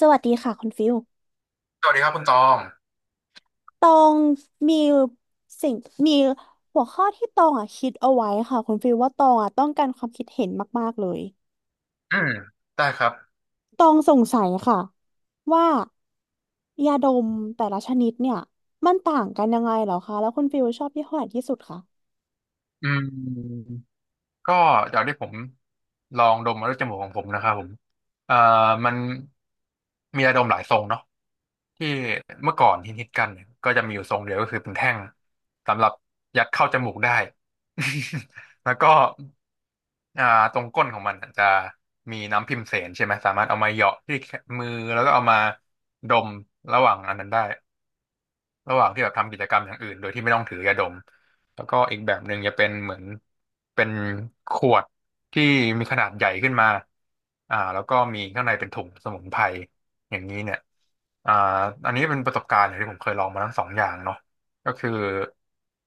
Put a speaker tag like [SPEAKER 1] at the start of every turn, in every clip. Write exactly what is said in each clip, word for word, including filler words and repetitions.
[SPEAKER 1] สวัสดีค่ะคุณฟิล
[SPEAKER 2] สวัสดีครับคุณตอง
[SPEAKER 1] ตองมีสิ่งมีหัวข้อที่ตองอ่ะคิดเอาไว้ค่ะคุณฟิลว่าตองอ่ะต้องการความคิดเห็นมากๆเลย
[SPEAKER 2] อืมได้ครับ
[SPEAKER 1] ตองสงสัยค่ะว่ายาดมแต่ละชนิดเนี่ยมันต่างกันยังไงเหรอคะแล้วคุณฟิลชอบยี่ห้อไหนที่สุดคะ
[SPEAKER 2] อืมก็จากที่ผมลองดมมาด้วยจมูกของผมนะครับผมเอ่อมันมียาดมหลายทรงเนาะที่เมื่อก่อนฮิตๆกันเนี่ยก็จะมีอยู่ทรงเดียวก็คือเป็นแท่งสำหรับยัดเข้าจมูกได้ แล้วก็อ่าตรงก้นของมันอาจจะมีน้ำพิมเสนใช่ไหมสามารถเอามาเหยาะที่มือแล้วก็เอามาดมระหว่างอันนั้นได้ ระหว่างที่แบบทำกิจกรรมอย่างอื่นโดยที่ไม่ต้องถือยาดม แล้วก็อีกแบบหนึ่งจะเป็นเหมือนเป็นขวดที่มีขนาดใหญ่ขึ้นมาอ่าแล้วก็มีข้างในเป็นถุงสมุนไพรอย่างนี้เนี่ยอ่าอันนี้เป็นประสบการณ์ที่ผมเคยลองมาทั้งสองอย่างเนาะก็คือ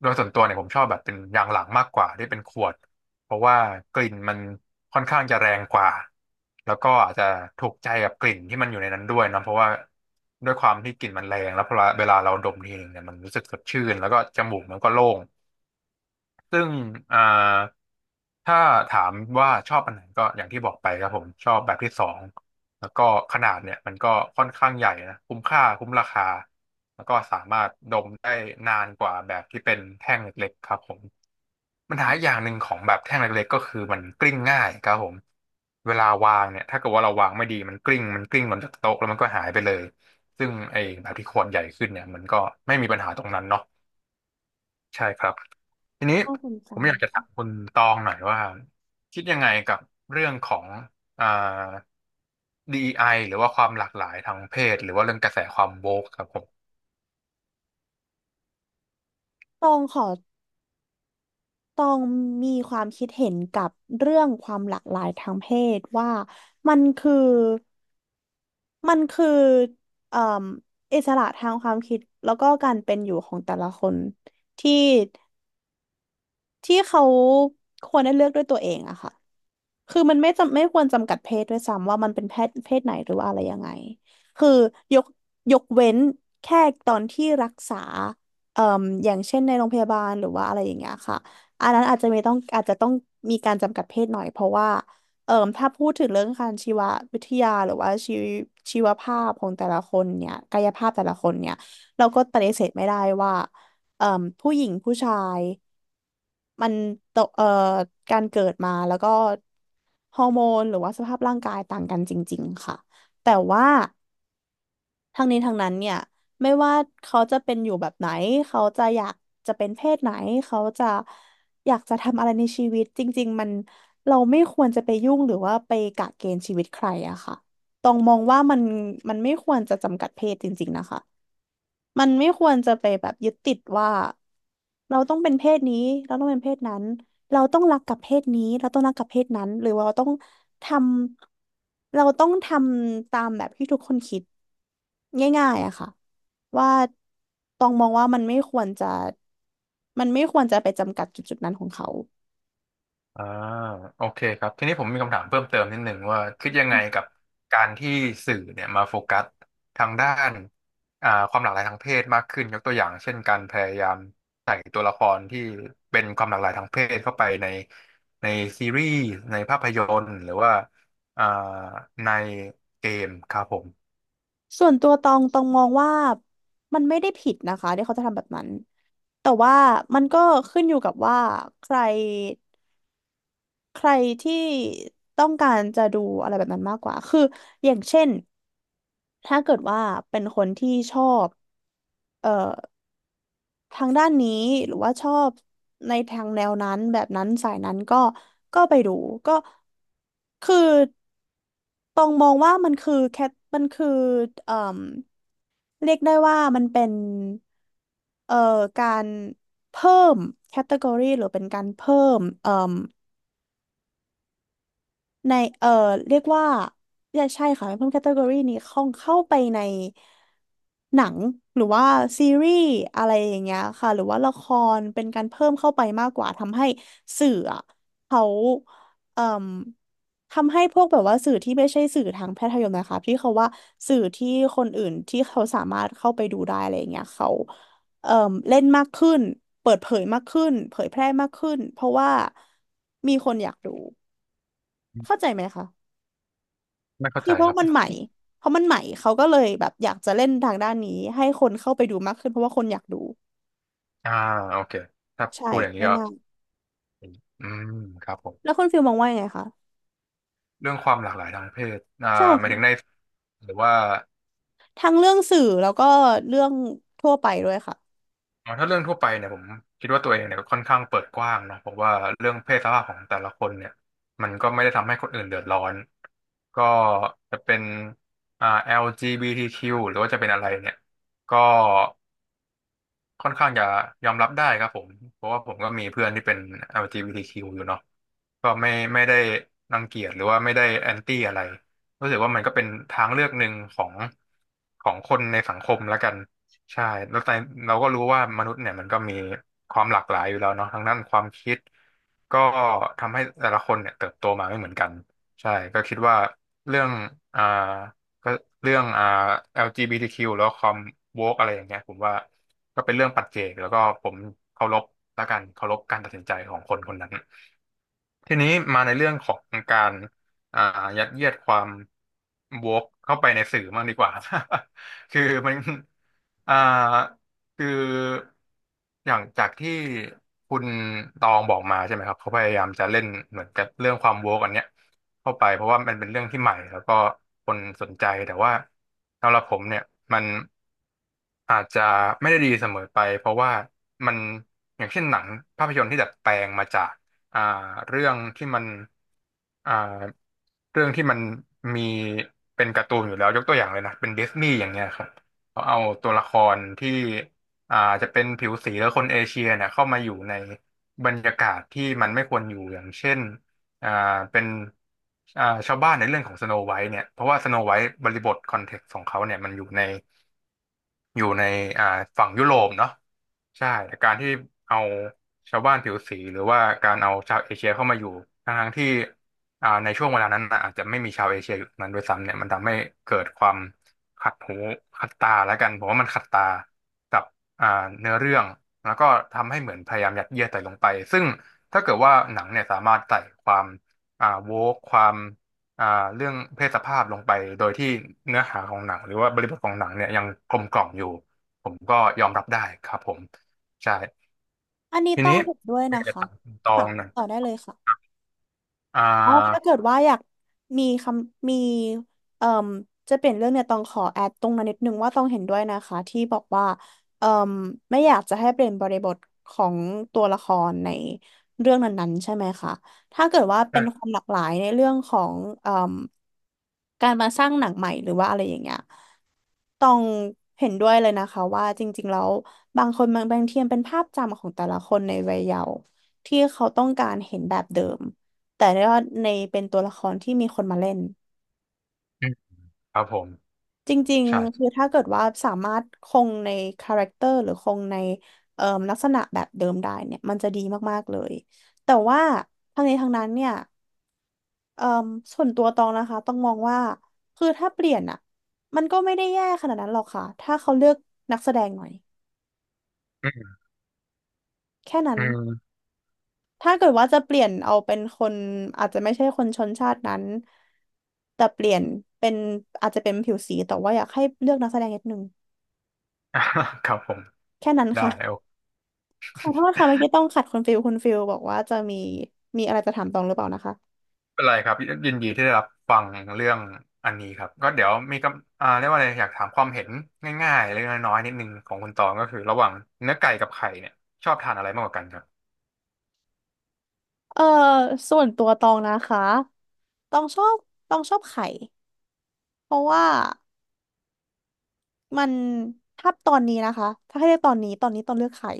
[SPEAKER 2] โดยส่วนตัวเนี่ยผมชอบแบบเป็นอย่างหลังมากกว่าที่เป็นขวด เพราะว่ากลิ่นมันค่อนข้างจะแรงกว่าแล้วก็อาจจะถูกใจกับกลิ่นที่มันอยู่ในนั้นด้วยนะเพราะว่าด้วยความที่กลิ่นมันแรงแล้วพอเวลาเราดมทีหนึ่งเนี่ยมันรู้สึกสดชื่นแล้วก็จมูกมันก็โล่งซึ่งอ่าถ้าถามว่าชอบอันไหนก็อย่างที่บอกไปครับผมชอบแบบที่สองแล้วก็ขนาดเนี่ยมันก็ค่อนข้างใหญ่นะคุ้มค่าคุ้มราคาแล้วก็สามารถดมได้นานกว่าแบบที่เป็นแท่งเล็กๆครับผม ปัญหาอย่างหนึ่งของแบบแท่งเล็กๆก็คือมันกลิ้งง่ายครับผมเวลาวางเนี่ยถ้าเกิดว่าเราวางไม่ดีมันกลิ้งมันกลิ้งหล่นจากโต๊ะแล้วมันก็หายไปเลยซึ่งไอ้แบบที่ขวดใหญ่ขึ้นเนี่ยมันก็ไม่มีปัญหาตรงนั้นเนาะใช่ครับทีนี้
[SPEAKER 1] น่าสนใจ
[SPEAKER 2] ผมอยากจะถามคุณตองหน่อยว่าคิดยังไงกับเรื่องของอ่า ดี อี ไอ หรือว่าความหลากหลายทางเพศหรือว่าเรื่องกระแสความโวกครับผม
[SPEAKER 1] ตองขอตองมีความคิดเห็นกับเรื่องความหลากหลายทางเพศว่ามันคือ มันคือเอ่มอิสระทางความคิดแล้วก็การเป็นอยู่ของแต่ละคนที่ที่เขาควรได้เลือกด้วยตัวเองอะค่ะ คือมันไม่จำไม่ควรจำกัดเพศด้วยซ้ำว่ามันเป็นเพศเพศไหนหรือว่าอะไรยังไงคือยกยกเว้นแค่ตอนที่รักษาเอ่มอย่างเช่นในโรงพยาบาลหรือว่าอะไรอย่างเงี้ยค่ะ อันนั้นอาจจะไม่ต้องอาจจะต้องมีการจำกัดเพศหน่อยเพราะว่าเอ่มถ้าพูดถึงเรื่องการชีววิทยาหรือว่าชีวชีวภาพของแต่ละคนเนี่ยกายภาพแต่ละคนเนี่ยเราก็ปฏิเสธไม่ได้ว่าเอ่มผู้หญิงผู้ชาย มันโตเอ่อการเกิดมาแล้วก็ฮอร์โมนหรือว่าสภาพร่างกายต่างกันจริงๆค่ะแต่ว่าทั้งนี้ทั้งนั้นเนี่ยไม่ว่าเขาจะเป็นอยู่แบบไหนเขาจะอยากจะเป็นเพศไหนเขาจะอยากจะทำอะไรในชีวิตจริงๆมันเราไม่ควรจะไปยุ่งหรือว่าไปกะเกณฑ์ชีวิตใครอะค่ะต้องมองว่ามันมันไม่ควรจะจำกัดเพศจริงๆนะคะ มันไม่ควรจะไปแบบยึดติดว่าเราต้องเป็นเพศนี้เราต้องเป็นเพศนั้นเราต้องรักกับเพศนี้เราต้องรักกับเพศนั้นหรือว่าเราต้องทำเราต้องทำตามแบบที่ทุกคนคิดง่ายๆอะค่ะว่าต้องมองว่ามันไม่ควรจะมันไม่ควรจะไปจำกัดจุดจุดนั้นของเขา
[SPEAKER 2] อ่าโอเคครับทีนี้ผมมีคำถามเพิ่มเติมนิดหนึ่งว่าคิดยังไงกับการที่สื่อเนี่ยมาโฟกัสทางด้านอ่าความหลากหลายทางเพศมากขึ้นยกตัวอย่างเช่นการพยายามใส่ตัวละครที่เป็นความหลากหลายทางเพศเข้าไปในในซีรีส์ในภาพยนตร์หรือว่าอ่าในเกมครับผม
[SPEAKER 1] ส่วนตัวตองตองมองว่ามันไม่ได้ผิดนะคะที่เขาจะทำแบบนั้นแต่ว่ามันก็ขึ้นอยู่กับว่าใคร ใครที่ต้องการจะดูอะไรแบบนั้นมากกว่าคืออย่างเช่นถ้าเกิดว่าเป็นคนที่ชอบเอ่อทางด้านนี้หรือว่าชอบในทางแนวนั้นแบบนั้นสายนั้นก็ก็ไปดูก็คือตองมองว่ามันคือแคทมันคือเอ่มเรียกได้ว่ามันเป็นเอ่อการเพิ่มแคตตากรีหรือเป็นการเพิ่มเอ่อ ในเอ่อเรียกว่าเนี่ยใช่ค่ะเพิ่มแคตตากรีนี้เข้าเข้าไปในหนังหรือว่าซีรีส์อะไรอย่างเงี้ยค่ะหรือว่าละครเป็นการเพิ่มเข้าไปมากกว่าทำให้สื่ออะเขาเอ่มทำให้พวกแบบว่าสื่อที่ไม่ใช่สื่อทางแพทยมนะคะที่เขาว่าสื่อที่คนอื่นที่เขาสามารถเข้าไปดูได้อะไรอย่างเงี้ยเขาเอ่มเล่นมากขึ้นเปิดเผยมากขึ้นเผยแพร่มากขึ้นเพราะว่ามีคนอยากดูเข้าใจไหมคะ
[SPEAKER 2] ไม่เข้า
[SPEAKER 1] คือ
[SPEAKER 2] ใจ
[SPEAKER 1] เพ
[SPEAKER 2] ค
[SPEAKER 1] ราะ
[SPEAKER 2] รับ
[SPEAKER 1] มันใหม่เพราะมันใหม่เขาก็เลยแบบอยากจะเล่นทางด้านนี้ให้คนเข้าไปดูมากขึ้นเพราะว่าคนอยากดู
[SPEAKER 2] อ่าโอเคถ้า
[SPEAKER 1] ใช่
[SPEAKER 2] พูดอย่างนี้ก็
[SPEAKER 1] ง่าย
[SPEAKER 2] อืมครับผ
[SPEAKER 1] ๆแล้ว
[SPEAKER 2] ม
[SPEAKER 1] คุณฟิลมองว่ายังไงคะ
[SPEAKER 2] เรื่องความหลากหลายทางเพศอ่า
[SPEAKER 1] ใช่
[SPEAKER 2] หมายถึงใน
[SPEAKER 1] ค่ะ
[SPEAKER 2] หรือว่า
[SPEAKER 1] ทั้งเรื่องสื่อแล้วก็เรื่องทั่วไปด้วยค่ะ
[SPEAKER 2] อ๋อถ้าเรื่องทั่วไปเนี่ยผมคิดว่าตัวเองเนี่ยค่อนข้างเปิดกว้างเนาะเพราะว่าเรื่องเพศสภาพของแต่ละคนเนี่ยมันก็ไม่ได้ทำให้คนอื่นเดือดร้อนก็จะเป็นอ่า แอล จี บี ที คิว หรือว่าจะเป็นอะไรเนี่ยก็ ค่อนข้างจะยอมรับได้ครับผมเพราะว่าผมก็มีเพื่อนที่เป็น แอล จี บี ที คิว อลจีบีทีคิวอยู่เนาะก็ไม่ไม่ได้รังเกียจหรือว่าไม่ได้แอนตี้อะไรรู้สึกว่ามันก็เป็นทางเลือกหนึ่งของของคนในสังคมแล้วกันใช่แล้วแต่เราก็รู้ว่ามนุษย์เนี่ยมันก็มีความหลากหลายอยู่แล้วเนาะทั้งด้านความคิด ก็ทำให้แต่ละคนเนี่ยเติบโตมาไม่เหมือนกันใช่ก็คิดว่าเรื่องอ่าก็เรื่องอ่า แอล จี บี ที คิว แล้วความโวกอะไรอย่างเงี้ยผมว่าก็เป็นเรื่องปัจเจกแล้วก็ผมเคารพละกันเคารพการตัดสินใจของคนคนนั้น ทีนี้มาในเรื่องของการอ่ายัดเยียดความวกเข้าไปในสื่อมากดีกว่า คือมันอ่าคืออย่างจากที่คุณตองบอกมาใช่ไหมครับเขาพยายามจะเล่นเหมือนกับเรื่องความวกอันเนี้ยเข้าไปเพราะว่ามันเป็นเรื่องที่ใหม่แล้วก็คนสนใจแต่ว่าสำหรับผมเนี่ยมัน อาจจะไม่ได้ดีเสมอไปเพราะว่ามันอย่างเช่นหนังภาพยนตร์ที่ดัดแปลงมาจากอ่าเรื่องที่มันอ่าเรื่องที่มันมีเป็นการ์ตูนอยู่แล้วยกตัวอย่างเลยนะเป็นดิสนีย์อย่างเงี้ยครับเขาเอาตัวละครที่อ่าจะเป็นผิวสีหรือคนเอเชียเนี่ยเข้ามาอยู่ในบรรยากาศที่มันไม่ควรอยู่อย่างเช่นอ่าเป็นอ่าชาวบ้านในเรื่องของสโนไวท์เนี่ยเพราะว่าสโนไวท์บริบทคอนเท็กซ์ของเขาเนี่ยมันอยู่ใน อยู่ในอ่าฝั่งยุโรปเนาะใช่แต่การที่เอาชาวบ้านผิวสีหรือว่าการเอาชาวเอเชียเข้ามาอยู่ทั้งๆที่อ่าในช่วงเวลานั้นน่ะอาจจะไม่มีชาวเอเชียอยู่นั้นด้วยซ้ำเนี่ยมันทำให้เกิดความขัดหูขัดตาแล้วกันผมว่ามันขัดตากับอ่าเนื้อเรื่องแล้วก็ทำให้เหมือนพยายามยัดเยียดใส่ลงไปซึ่งถ้าเกิดว่าหนังเนี่ยสามารถใส่ความอ่าโวกความ อ่าเรื่องเพศสภาพลงไปโดยที่เนื้อหาของหนังหรือว่าบริบทของหนังเนี่ยยังกลมกล่อมอยู่ผมก็ยอมรับได้ครับผมใช่
[SPEAKER 1] อันนี้
[SPEAKER 2] ที
[SPEAKER 1] ต้อง
[SPEAKER 2] นี้
[SPEAKER 1] เห็นด้วย
[SPEAKER 2] ผมอ
[SPEAKER 1] นะ
[SPEAKER 2] ยากจะ
[SPEAKER 1] คะ
[SPEAKER 2] ถามคุณตอ
[SPEAKER 1] ค่ะ
[SPEAKER 2] งหนะ
[SPEAKER 1] ต่อได้เลยค่ะ
[SPEAKER 2] อ่
[SPEAKER 1] อ๋อถ้า
[SPEAKER 2] า
[SPEAKER 1] เกิดว่าอยากมีคำมีเอ่มจะเปลี่ยนเรื่องเนี่ยต้องขอแอดตรงนั้นนิดนึงว่าต้องเห็นด้วยนะคะที่บอกว่าเอ่มไม่อยากจะให้เปลี่ยนบริบทของตัวละครในเรื่องนั้นๆใช่ไหมคะถ้าเกิดว่าเป็นควา
[SPEAKER 2] ใช่
[SPEAKER 1] มหลากหลายในเรื่องของเอ่ม การมาสร้างหนังใหม่หรือว่าอะไรอย่างเงี้ยต้องเห็นด้วยเลยนะคะว่าจริงๆแล้วบางคนบางบางทีมันเป็นภาพจำของแต่ละคนในวัยเยาว์ที่เขาต้องการเห็นแบบเดิมแต่ว่าในเป็นตัวละครที่มีคนมาเล่น
[SPEAKER 2] อืมครับผม
[SPEAKER 1] จริง
[SPEAKER 2] ใช่
[SPEAKER 1] ๆคือถ้าเกิดว่าสามารถคงในคาแรคเตอร์หรือคงในเอ่อลักษณะแบบเดิมได้เนี่ยมันจะดีมากๆเลยแต่ว่าทั้งนี้ทั้งนั้นเนี่ย เอ่มส่วนตัวตองนะคะต้องมองว่าคือถ้าเปลี่ยนอ่ะมันก็ไม่ได้แย่ขนาดนั้นหรอกค่ะถ้าเขาเลือกนักแสดงหน่อย
[SPEAKER 2] อืม
[SPEAKER 1] แค่นั้น
[SPEAKER 2] อืม
[SPEAKER 1] ถ้าเกิดว่าจะเปลี่ยนเอาเป็นคนอาจจะไม่ใช่คนชนชาตินั้นแต่เปลี่ยนเป็นอาจจะเป็นผิวสีแต่ว่าอยากให้เลือกนักแสดงนิดนึง
[SPEAKER 2] ครับผม
[SPEAKER 1] แค่นั้น
[SPEAKER 2] ได้
[SPEAKER 1] ค่ะ
[SPEAKER 2] โอ
[SPEAKER 1] ขอโทษค่ะเมื่อกี้ต้องขัดคุณฟิลคุณฟิลบอกว่าจะมีมีอะไรจะถามตองหรือเปล่านะคะ
[SPEAKER 2] ไม่เป็นไรครับยินดีที่ได้รับฟังเรื่องอันนี้ครับก็เดี๋ยวมีกำอ่าเรียกว่าอะไรอยากถามความเห็นง่ายๆเล็กๆน้อยๆนิดนึงของคุณตองก็คือระหว่างเนื้อไก่กับไข่เนี่ยชอบทานอะไรมากกว่ากันครับ
[SPEAKER 1] เออส่วนตัวตองนะคะตองชอบตองชอบไข่เพราะว่า มันถ้าตอนนี้นะคะ ถ้าให้เลือกตอนนี้ ตอนนี้ต้องเลือกไข่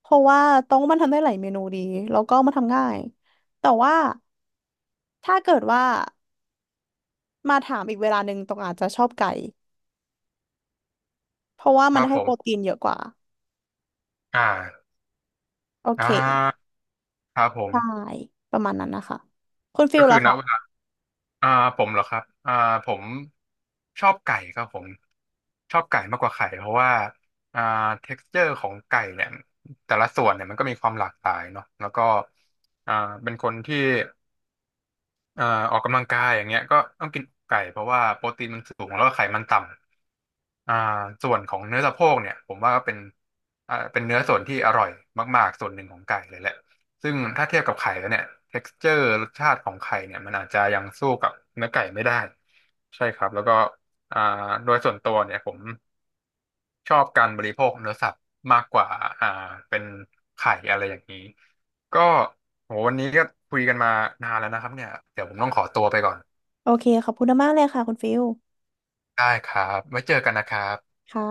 [SPEAKER 1] เพราะว่าต้องมันทำได้หลายเมนูดีแล้วก็มันทำง่าย แต่ว่าถ้าเกิดว่ามาถามอีกเวลาหนึ่งตรองอาจจะชอบไก่เพราะว่า
[SPEAKER 2] ค
[SPEAKER 1] มั
[SPEAKER 2] รั
[SPEAKER 1] น
[SPEAKER 2] บ
[SPEAKER 1] ให้
[SPEAKER 2] ผ
[SPEAKER 1] โปร
[SPEAKER 2] ม
[SPEAKER 1] ตีนเยอะกว่า
[SPEAKER 2] อ่า
[SPEAKER 1] โอ
[SPEAKER 2] อ่
[SPEAKER 1] เค
[SPEAKER 2] าครับผ
[SPEAKER 1] ใช่
[SPEAKER 2] ม
[SPEAKER 1] ประมาณนั้นนะคะคุณฟิ
[SPEAKER 2] ก็
[SPEAKER 1] ล
[SPEAKER 2] คือ
[SPEAKER 1] ล่ะ
[SPEAKER 2] ณ
[SPEAKER 1] คะ
[SPEAKER 2] เวลาอ่าผมเหรอครับอ่าผมชอบไก่ครับผมชอบไก่มากกว่าไข่เพราะว่าอ่า เท็กซ์เจอร์ ของไก่เนี่ยแต่ละส่วนเนี่ยมันก็มีความหลากหลายเนาะแล้วก็อ่าเป็นคนที่ อ่าออกกำลังกายอย่างเงี้ยก็ต้องกินไก่เพราะว่าโปรตีนมันสูงแล้วก็ไขมันต่ำอ่าส่วนของเนื้อสะโพกเนี่ยผมว่าก็เป็นอ่าเป็นเนื้อส่วนที่อร่อยมากๆส่วนหนึ่งของไก่เลยแหละซึ่งถ้าเทียบกับไข่แล้วเนี่ยเท็กซ์เจอร์รสชาติของไข่เนี่ยมันอาจจะยังสู้กับเนื้อไก่ไม่ได้ใช่ครับแล้วก็อ่าโดยส่วนตัวเนี่ยผม ชอบการบริโภคเนื้อสัตว์มากกว่าอ่าเป็นไข่อะไรอย่างนี้ก็โหวันนี้ก็คุยกันมานานแล้วนะครับเนี่ยเดี๋ยวผมต้องขอตัวไปก่อน
[SPEAKER 1] โอเคขอบคุณมากเลยค่ะคุณฟิล
[SPEAKER 2] ได้ครับไว้เจอกันนะครับ
[SPEAKER 1] ค่ะ